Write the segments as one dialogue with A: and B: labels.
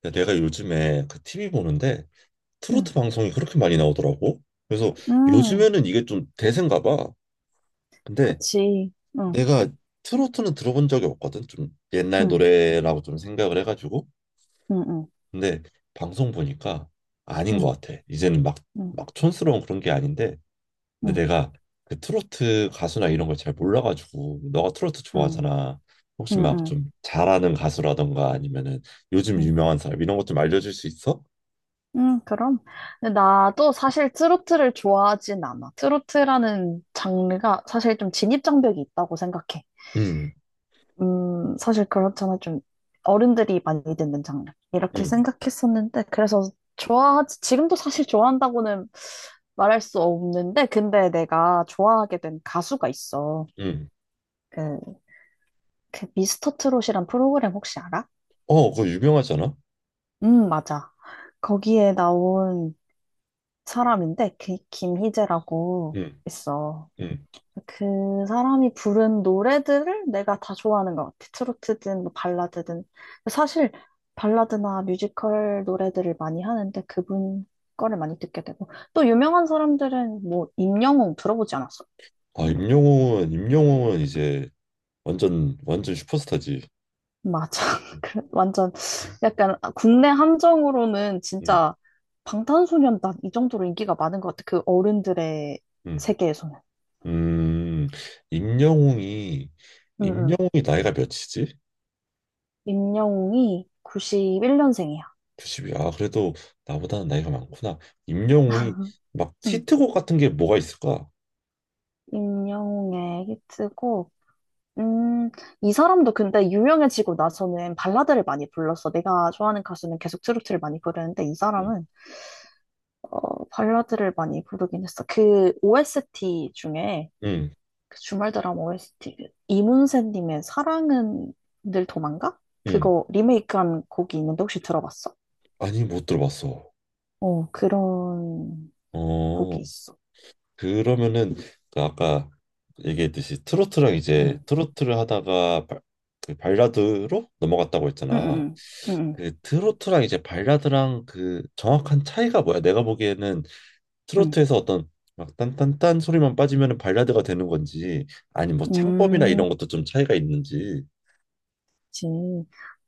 A: 근데 내가 요즘에 그 TV 보는데
B: 응,
A: 트로트 방송이 그렇게 많이 나오더라고. 그래서
B: 응,
A: 요즘에는 이게 좀 대세인가 봐. 근데
B: 그치. 응,
A: 내가 트로트는 들어본 적이 없거든. 좀 옛날
B: 응,
A: 노래라고 좀 생각을 해가지고.
B: 응, 응,
A: 근데 방송 보니까 아닌
B: 응,
A: 것 같아. 이제는 막,
B: 응,
A: 막 촌스러운 그런 게 아닌데. 근데
B: 응,
A: 내가 그 트로트 가수나 이런 걸 잘 몰라가지고. 너가 트로트
B: 응,
A: 좋아하잖아. 혹시
B: 응,
A: 막
B: 응,
A: 좀 잘하는 가수라던가 아니면은 요즘
B: 응,
A: 유명한 사람 이런 것 좀 알려줄 수 있어?
B: 응, 그럼. 근데 나도 사실 트로트를 좋아하진 않아. 트로트라는 장르가 사실 좀 진입장벽이 있다고 생각해.
A: 응,
B: 사실 그렇잖아. 좀 어른들이 많이 듣는 장르. 이렇게
A: 응.
B: 생각했었는데, 그래서 좋아하지, 지금도 사실 좋아한다고는 말할 수 없는데, 근데 내가 좋아하게 된 가수가 있어.
A: 음.
B: 그 그 미스터 트롯이란 프로그램 혹시 알아?
A: 어, 그거 유명하잖아.
B: 응, 맞아. 거기에 나온 사람인데 그 김희재라고
A: 음.
B: 있어.
A: 음.
B: 그 사람이 부른 노래들을 내가 다 좋아하는 것 같아. 트로트든 뭐 발라드든. 사실 발라드나 뮤지컬 노래들을 많이 하는데 그분 거를 많이 듣게 되고 또 유명한 사람들은 뭐 임영웅 들어보지 않았어?
A: 아, 임영웅은 이제 완전 완전 슈퍼스타지.
B: 맞아. 그래, 완전 약간 국내 함정으로는
A: 음.
B: 진짜 방탄소년단 이 정도로 인기가 많은 것 같아. 그 어른들의
A: 음.
B: 세계에서는.
A: 음. 임영웅이
B: 응, 응.
A: 임영웅이 나이가 몇이지?
B: 임영웅이 91년생이야.
A: 9이 아, 그래도 나보다는 나이가 많구나. 임영웅이
B: 응.
A: 막
B: 응.
A: 히트곡 같은 게 뭐가 있을까?
B: 임영웅의 히트곡. 음, 이 사람도 근데 유명해지고 나서는 발라드를 많이 불렀어. 내가 좋아하는 가수는 계속 트로트를 많이 부르는데 이
A: 음.
B: 사람은 어, 발라드를 많이 부르긴 했어. 그 OST 중에
A: 음.
B: 그 주말 드라마 OST 그 이문세님의 사랑은 늘 도망가?
A: 음.
B: 그거 리메이크한 곡이 있는데 혹시 들어봤어?
A: 아니, 못 들어봤어.
B: 어 그런
A: 어.
B: 곡이 있어.
A: 그러면은 그 아까 얘기했듯이 트로트랑 이제
B: 응,
A: 트로트를 하다가 그 발라드로 넘어갔다고
B: 응,
A: 했잖아.
B: 응, 응, 응,
A: 그 트로트랑 이제 발라드랑 그 정확한 차이가 뭐야? 내가 보기에는
B: 응.
A: 트로트에서 어떤 막 딴딴딴 소리만 빠지면은 발라드가 되는 건지 아니 뭐 창법이나
B: 응. 음,
A: 이런 것도 좀 차이가 있는지.
B: 그치.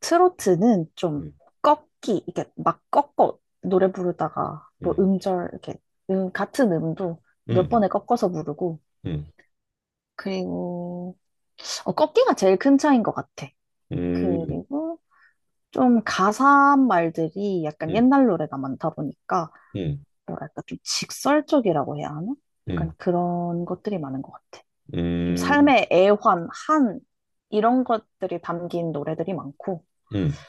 B: 트로트는 좀
A: 음,
B: 꺾기 이게 막 꺾어 노래 부르다가 뭐
A: 음,
B: 음절 이렇게 같은 음도 몇
A: 음,
B: 번에 꺾어서 부르고
A: 음,
B: 그리고 어, 꺾기가 제일 큰 차이인 것 같아.
A: 음,
B: 그리고 좀 가사한 말들이 약간
A: 음,
B: 옛날 노래가 많다 보니까
A: 음,
B: 뭐랄까 좀 직설적이라고 해야 하나? 약간
A: 음,
B: 그런 것들이 많은 것 같아. 좀
A: 음,
B: 삶의 애환, 한 이런 것들이 담긴 노래들이 많고,
A: 음,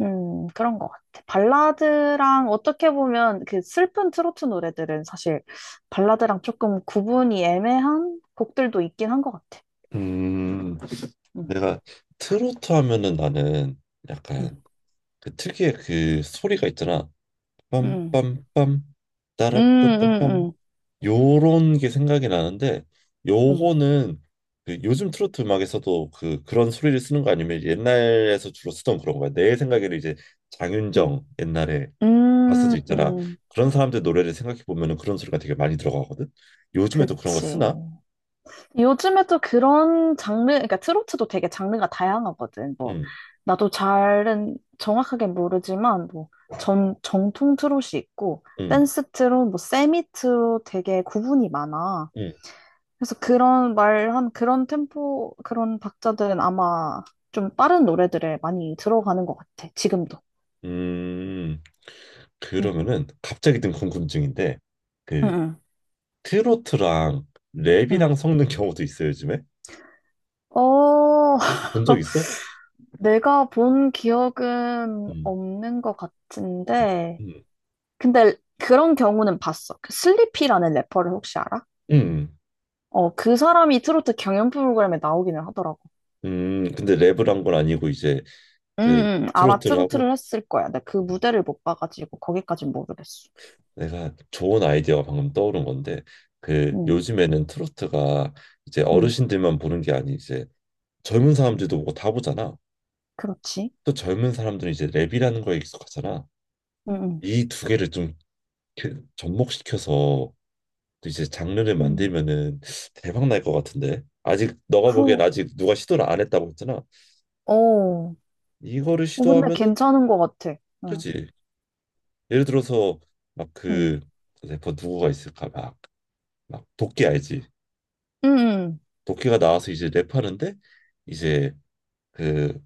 B: 그런 것 같아. 발라드랑 어떻게 보면 그 슬픈 트로트 노래들은 사실 발라드랑 조금 구분이 애매한 곡들도 있긴 한 것 같아.
A: 음.
B: 음,
A: 내가 트로트 하면은 나는
B: 음,
A: 약간 그 특유의 그 소리가 있잖아.
B: 음,
A: 빰빰빰
B: 음,
A: 따라따따빰
B: 음,
A: 요런 게 생각이 나는데,
B: 음,
A: 요거는 그 요즘 트로트 음악에서도 그 그런 소리를 쓰는 거 아니면 옛날에서 주로 쓰던 그런 거야. 내 생각에는 이제
B: 음,
A: 장윤정 옛날에
B: 음,
A: 가수도
B: 음,
A: 있잖아.
B: 음.
A: 그런 사람들 노래를 생각해 보면은 그런 소리가 되게 많이 들어가거든. 요즘에도 그런 거
B: 그치.
A: 쓰나?
B: 요즘에 또 그런 장르, 그러니까 트로트도 되게 장르가 다양하거든. 뭐,
A: 응,
B: 나도 잘은 정확하게 모르지만, 뭐, 정통 트롯이 있고,
A: 응,
B: 댄스 트롯, 뭐, 세미 트롯 되게 구분이 많아.
A: 응.
B: 그래서 그런 말한 그런 템포, 그런 박자들은 아마 좀 빠른 노래들에 많이 들어가는 것 같아, 지금도.
A: 음,
B: 응,
A: 그러면은 갑자기 든 궁금증인데
B: 응,
A: 그
B: 응.
A: 트로트랑
B: 응.
A: 랩이랑 섞는 경우도 있어요, 요즘에?
B: 어,
A: 혹시 본 적 있어?
B: 내가 본 기억은
A: 음,
B: 없는 것
A: 음,
B: 같은데,
A: 음,
B: 근데 그런 경우는 봤어. 그 슬리피라는 래퍼를 혹시 알아?
A: 음,
B: 어, 그 사람이 트로트 경연 프로그램에 나오기는 하더라고.
A: 근데 랩을 한 건 아니고 이제 그
B: 아마
A: 트로트를 하고.
B: 트로트를 했을 거야. 근데 그
A: 음,
B: 무대를 못 봐가지고 거기까진 모르겠어.
A: 내가 좋은 아이디어가 방금 떠오른 건데 그
B: 음,
A: 요즘에는 트로트가 이제
B: 음,
A: 어르신들만 보는 게 아니 이제 젊은 사람들도 보고 다 보잖아.
B: 그렇지.
A: 또 젊은 사람들은 이제 랩이라는 거에 익숙하잖아.
B: 음, 음,
A: 이 두 개를 좀 접목시켜서 또 이제 장르를
B: 음.
A: 만들면은 대박 날 것 같은데, 아직 너가 보기엔
B: 그,
A: 아직 누가 시도를 안 했다고 했잖아.
B: 어, 어,
A: 이거를
B: 근데
A: 시도하면은,
B: 괜찮은 것 같아. 응,
A: 그지? 예를 들어서 막
B: 응,
A: 그 래퍼 누구가 있을까, 막 막 도끼 알지?
B: 응,
A: 도끼가 나와서 이제 랩하는데, 이제 그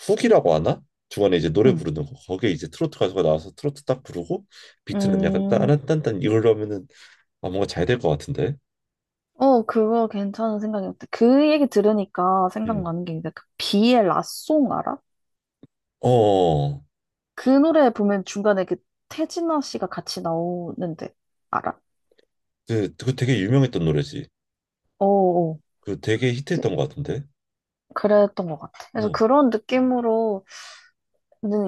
A: 훅이라고 하나, 중간에 이제 노래
B: 응,
A: 부르는 거 거기에 이제 트로트 가수가 나와서 트로트 딱 부르고, 비트는 약간
B: 응. 음.
A: 따란딴딴 이걸로 하면은, 아 뭔가 잘 될 것 같은데.
B: 어, 그거 괜찮은 생각이었다. 그 얘기 들으니까
A: 음.
B: 생각나는 게있데그 비의 라송 알아?
A: 어 어.
B: 그 노래 보면 중간에 그 태진아 씨가 같이 나오는데 알아?
A: 그 되게 유명했던 노래지.
B: 어어.
A: 그 되게 히트했던 것 같은데.
B: 그랬던 것 같아. 그래서
A: 어,
B: 그런 느낌으로는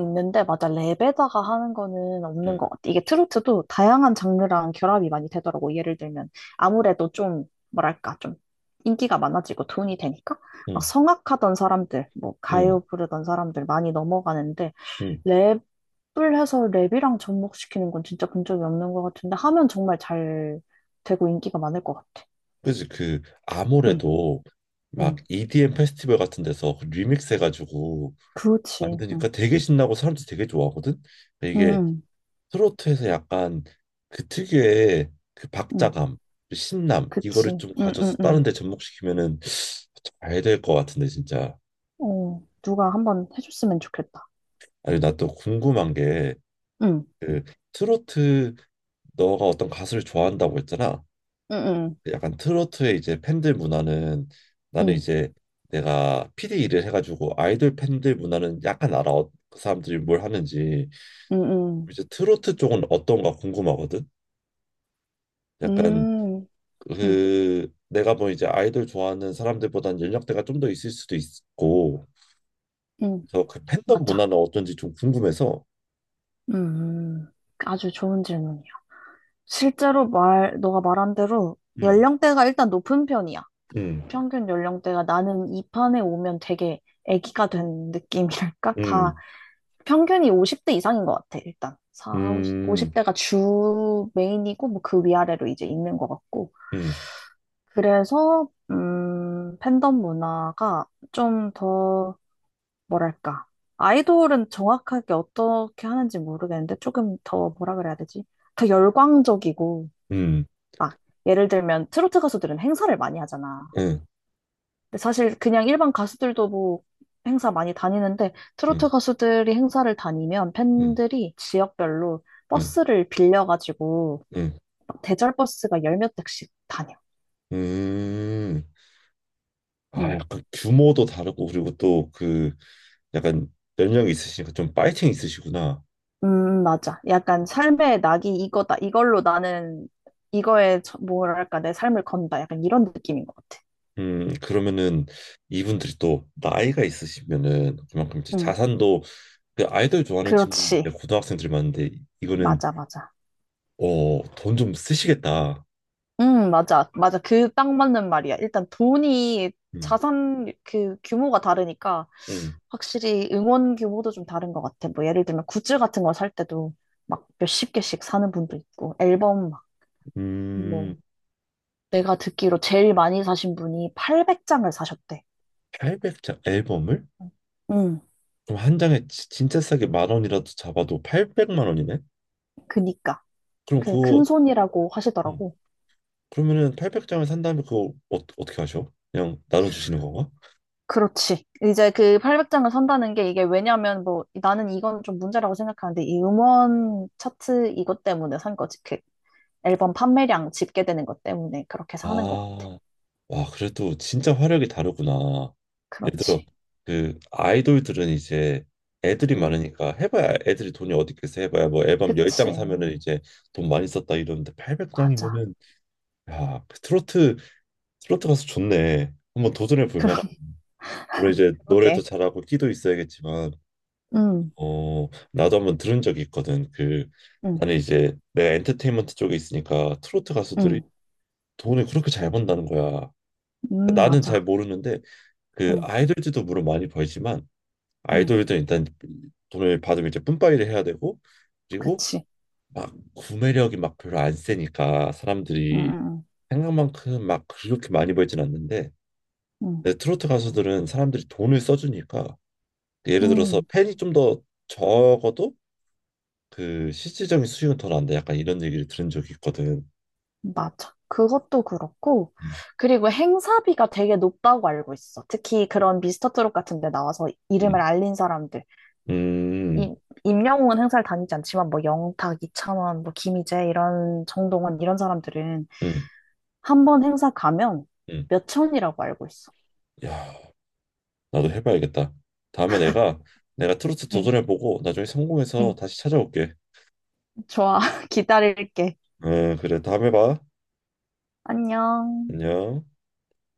B: 있는데, 맞아. 랩에다가 하는 거는 없는
A: 응,
B: 것 같아. 이게 트로트도 다양한 장르랑 결합이 많이 되더라고. 예를 들면, 아무래도 좀, 뭐랄까, 좀 인기가 많아지고 돈이 되니까, 막
A: 응,
B: 성악하던 사람들, 뭐,
A: 응,
B: 가요 부르던 사람들 많이 넘어가는데,
A: 응.
B: 랩 풀 해서 랩이랑 접목시키는 건 진짜 본 적이 없는 것 같은데 하면 정말 잘 되고 인기가 많을 것 같아.
A: 그지. 그
B: 응,
A: 아무래도 막
B: 응,
A: EDM 페스티벌 같은 데서 그 리믹스 해가지고
B: 그렇지.
A: 만드니까
B: 응,
A: 되게 신나고 사람들이 되게 좋아하거든. 근데
B: 응,
A: 이게
B: 응,
A: 트로트에서 약간 그 특유의 그
B: 응.
A: 박자감, 그 신남
B: 그치.
A: 이거를 좀
B: 응,
A: 가져서
B: 응,
A: 다른
B: 응.
A: 데 접목시키면은 잘 될 것 같은데 진짜.
B: 어, 누가 한번 해줬으면 좋겠다.
A: 아니 나 또 궁금한 게
B: 응,
A: 그 트로트 너가 어떤 가수를 좋아한다고 했잖아.
B: 응, 응,
A: 그 약간 트로트의 이제 팬들 문화는, 나는
B: 응,
A: 이제 내가 PD 일을 해가지고 아이돌 팬들 문화는 약간 알아. 그 사람들이 뭘 하는지
B: 응, 응,
A: 이제 트로트 쪽은 어떤가 궁금하거든. 약간
B: 응, 응,
A: 그 내가 뭐 이제 아이돌 좋아하는 사람들보다는 연령대가 좀 더 있을 수도 있고,
B: 응.
A: 그래서 그 팬덤
B: 맞아.
A: 문화는 어떤지 좀 궁금해서.
B: 음, 아주 좋은 질문이야. 실제로 말, 너가 말한 대로
A: 음.
B: 연령대가 일단 높은 편이야.
A: 음,
B: 평균 연령대가 나는 이 판에 오면 되게 애기가 된 느낌이랄까? 다
A: 음,
B: 평균이 50대 이상인 것 같아, 일단. 사, 오십
A: 음,
B: 50대가 주 메인이고, 뭐 그 위아래로 이제 있는 것 같고.
A: 음,
B: 그래서, 팬덤 문화가 좀 더, 뭐랄까. 아이돌은 정확하게 어떻게 하는지 모르겠는데, 조금 더 뭐라 그래야 되지? 더 열광적이고,
A: 음,
B: 막, 예를 들면 트로트 가수들은 행사를 많이 하잖아.
A: 음,
B: 근데 사실 그냥 일반 가수들도 뭐 행사 많이 다니는데 트로트
A: 음,
B: 가수들이 행사를 다니면
A: 음,
B: 팬들이 지역별로
A: 음,
B: 버스를 빌려가지고
A: 음,
B: 막 대절 버스가 열 몇 대씩 다녀.
A: 음. 아,
B: 음,
A: 약간 규모도 다르고 그리고 또 그 약간 연령이 있으시니까 좀 파이팅 있으시구나.
B: 맞아. 약간 삶의 낙이 이거다. 이걸로 나는 이거에 뭐랄까 내 삶을 건다. 약간 이런 느낌인 것 같아.
A: 그러면은 이분들이 또 나이가 있으시면은 그만큼 이제
B: 음,
A: 자산도, 그 아이돌 좋아하는 친구들 이제
B: 그렇지.
A: 고등학생들이 많은데, 이거는
B: 맞아, 맞아.
A: 어, 돈 좀 쓰시겠다.
B: 맞아. 맞아. 그 딱 맞는 말이야. 일단 돈이
A: 음,
B: 자산 그 규모가 다르니까
A: 음,
B: 확실히 응원 규모도 좀 다른 것 같아. 뭐 예를 들면 굿즈 같은 거 살 때도 막 몇십 개씩 사는 분도 있고 앨범 막
A: 음,
B: 뭐 내가 듣기로 제일 많이 사신 분이 800장을 사셨대.
A: 800장 앨범을?
B: 음,
A: 그럼 한 장에 진짜 싸게 만 원이라도 잡아도 800만 원이네?
B: 그니까.
A: 그럼
B: 그
A: 그거
B: 큰 손이라고
A: 어,
B: 하시더라고.
A: 그러면은 800장을 산 다음에 그거 어, 어떻게 하셔? 그냥 나눠주시는 건가?
B: 그렇지. 이제 그 800장을 산다는 게 이게 왜냐면 뭐 나는 이건 좀 문제라고 생각하는데 이 음원 차트 이것 때문에 산 거지. 그 앨범 판매량 집계되는 것 때문에 그렇게 사는 것 같아.
A: 아, 와, 그래도 진짜 화력이 다르구나. 예를 들어,
B: 그렇지.
A: 그 아이돌들은 이제 애들이
B: 응.
A: 많으니까 해봐야 애들이 돈이 어디 있겠어, 해봐야 뭐 앨범 10장
B: 그치.
A: 사면은 이제 돈 많이 썼다 이러는데
B: 맞아.
A: 800장이면은, 야, 그 트로트 가수 좋네. 한번 도전해 볼 만한. 물론 이제 노래도
B: 그러게.
A: 잘하고 끼도 있어야겠지만
B: 응,
A: 어, 나도 한번 들은 적이 있거든. 그
B: 응,
A: 나는 이제 내가 엔터테인먼트 쪽에 있으니까 트로트 가수들이
B: 응,
A: 돈을 그렇게 잘 번다는 거야. 그러니까
B: 응,
A: 나는 잘
B: 맞아.
A: 모르는데 그
B: 응,
A: 아이돌들도 물론 많이 벌지만,
B: 응,
A: 아이돌들은 일단 돈을 받으면 이제 뿜빠이를 해야 되고, 그리고
B: 그치.
A: 막 구매력이 막 별로 안 세니까
B: 응,
A: 사람들이
B: 응,
A: 생각만큼 막 그렇게 많이 벌진 않는데,
B: 응,
A: 근데 트로트 가수들은 사람들이 돈을 써주니까,
B: 응,
A: 예를 들어서
B: 응,
A: 팬이 좀 더 적어도 그 실질적인 수익은 더 난다 약간 이런 얘기를 들은 적이 있거든.
B: 맞아. 그것도 그렇고,
A: 음,
B: 그리고 행사비가 되게 높다고 알고 있어. 특히 그런 미스터 트롯 같은 데 나와서 이름을
A: 음,
B: 알린 사람들.
A: 음,
B: 임, 임영웅은 행사를 다니지 않지만, 뭐, 영탁, 이찬원, 뭐, 김희재, 이런, 정동원, 이런 사람들은
A: 음.
B: 한 번 행사 가면
A: 음.
B: 몇 천이라고 알고 있어.
A: 야. 나도 해봐야겠다. 다음에 내가 트로트
B: 응,
A: 도전해보고 나중에 성공해서
B: 응.
A: 다시 찾아올게.
B: 좋아. 기다릴게.
A: 응, 그래. 다음에 봐.
B: 안녕.
A: 안녕.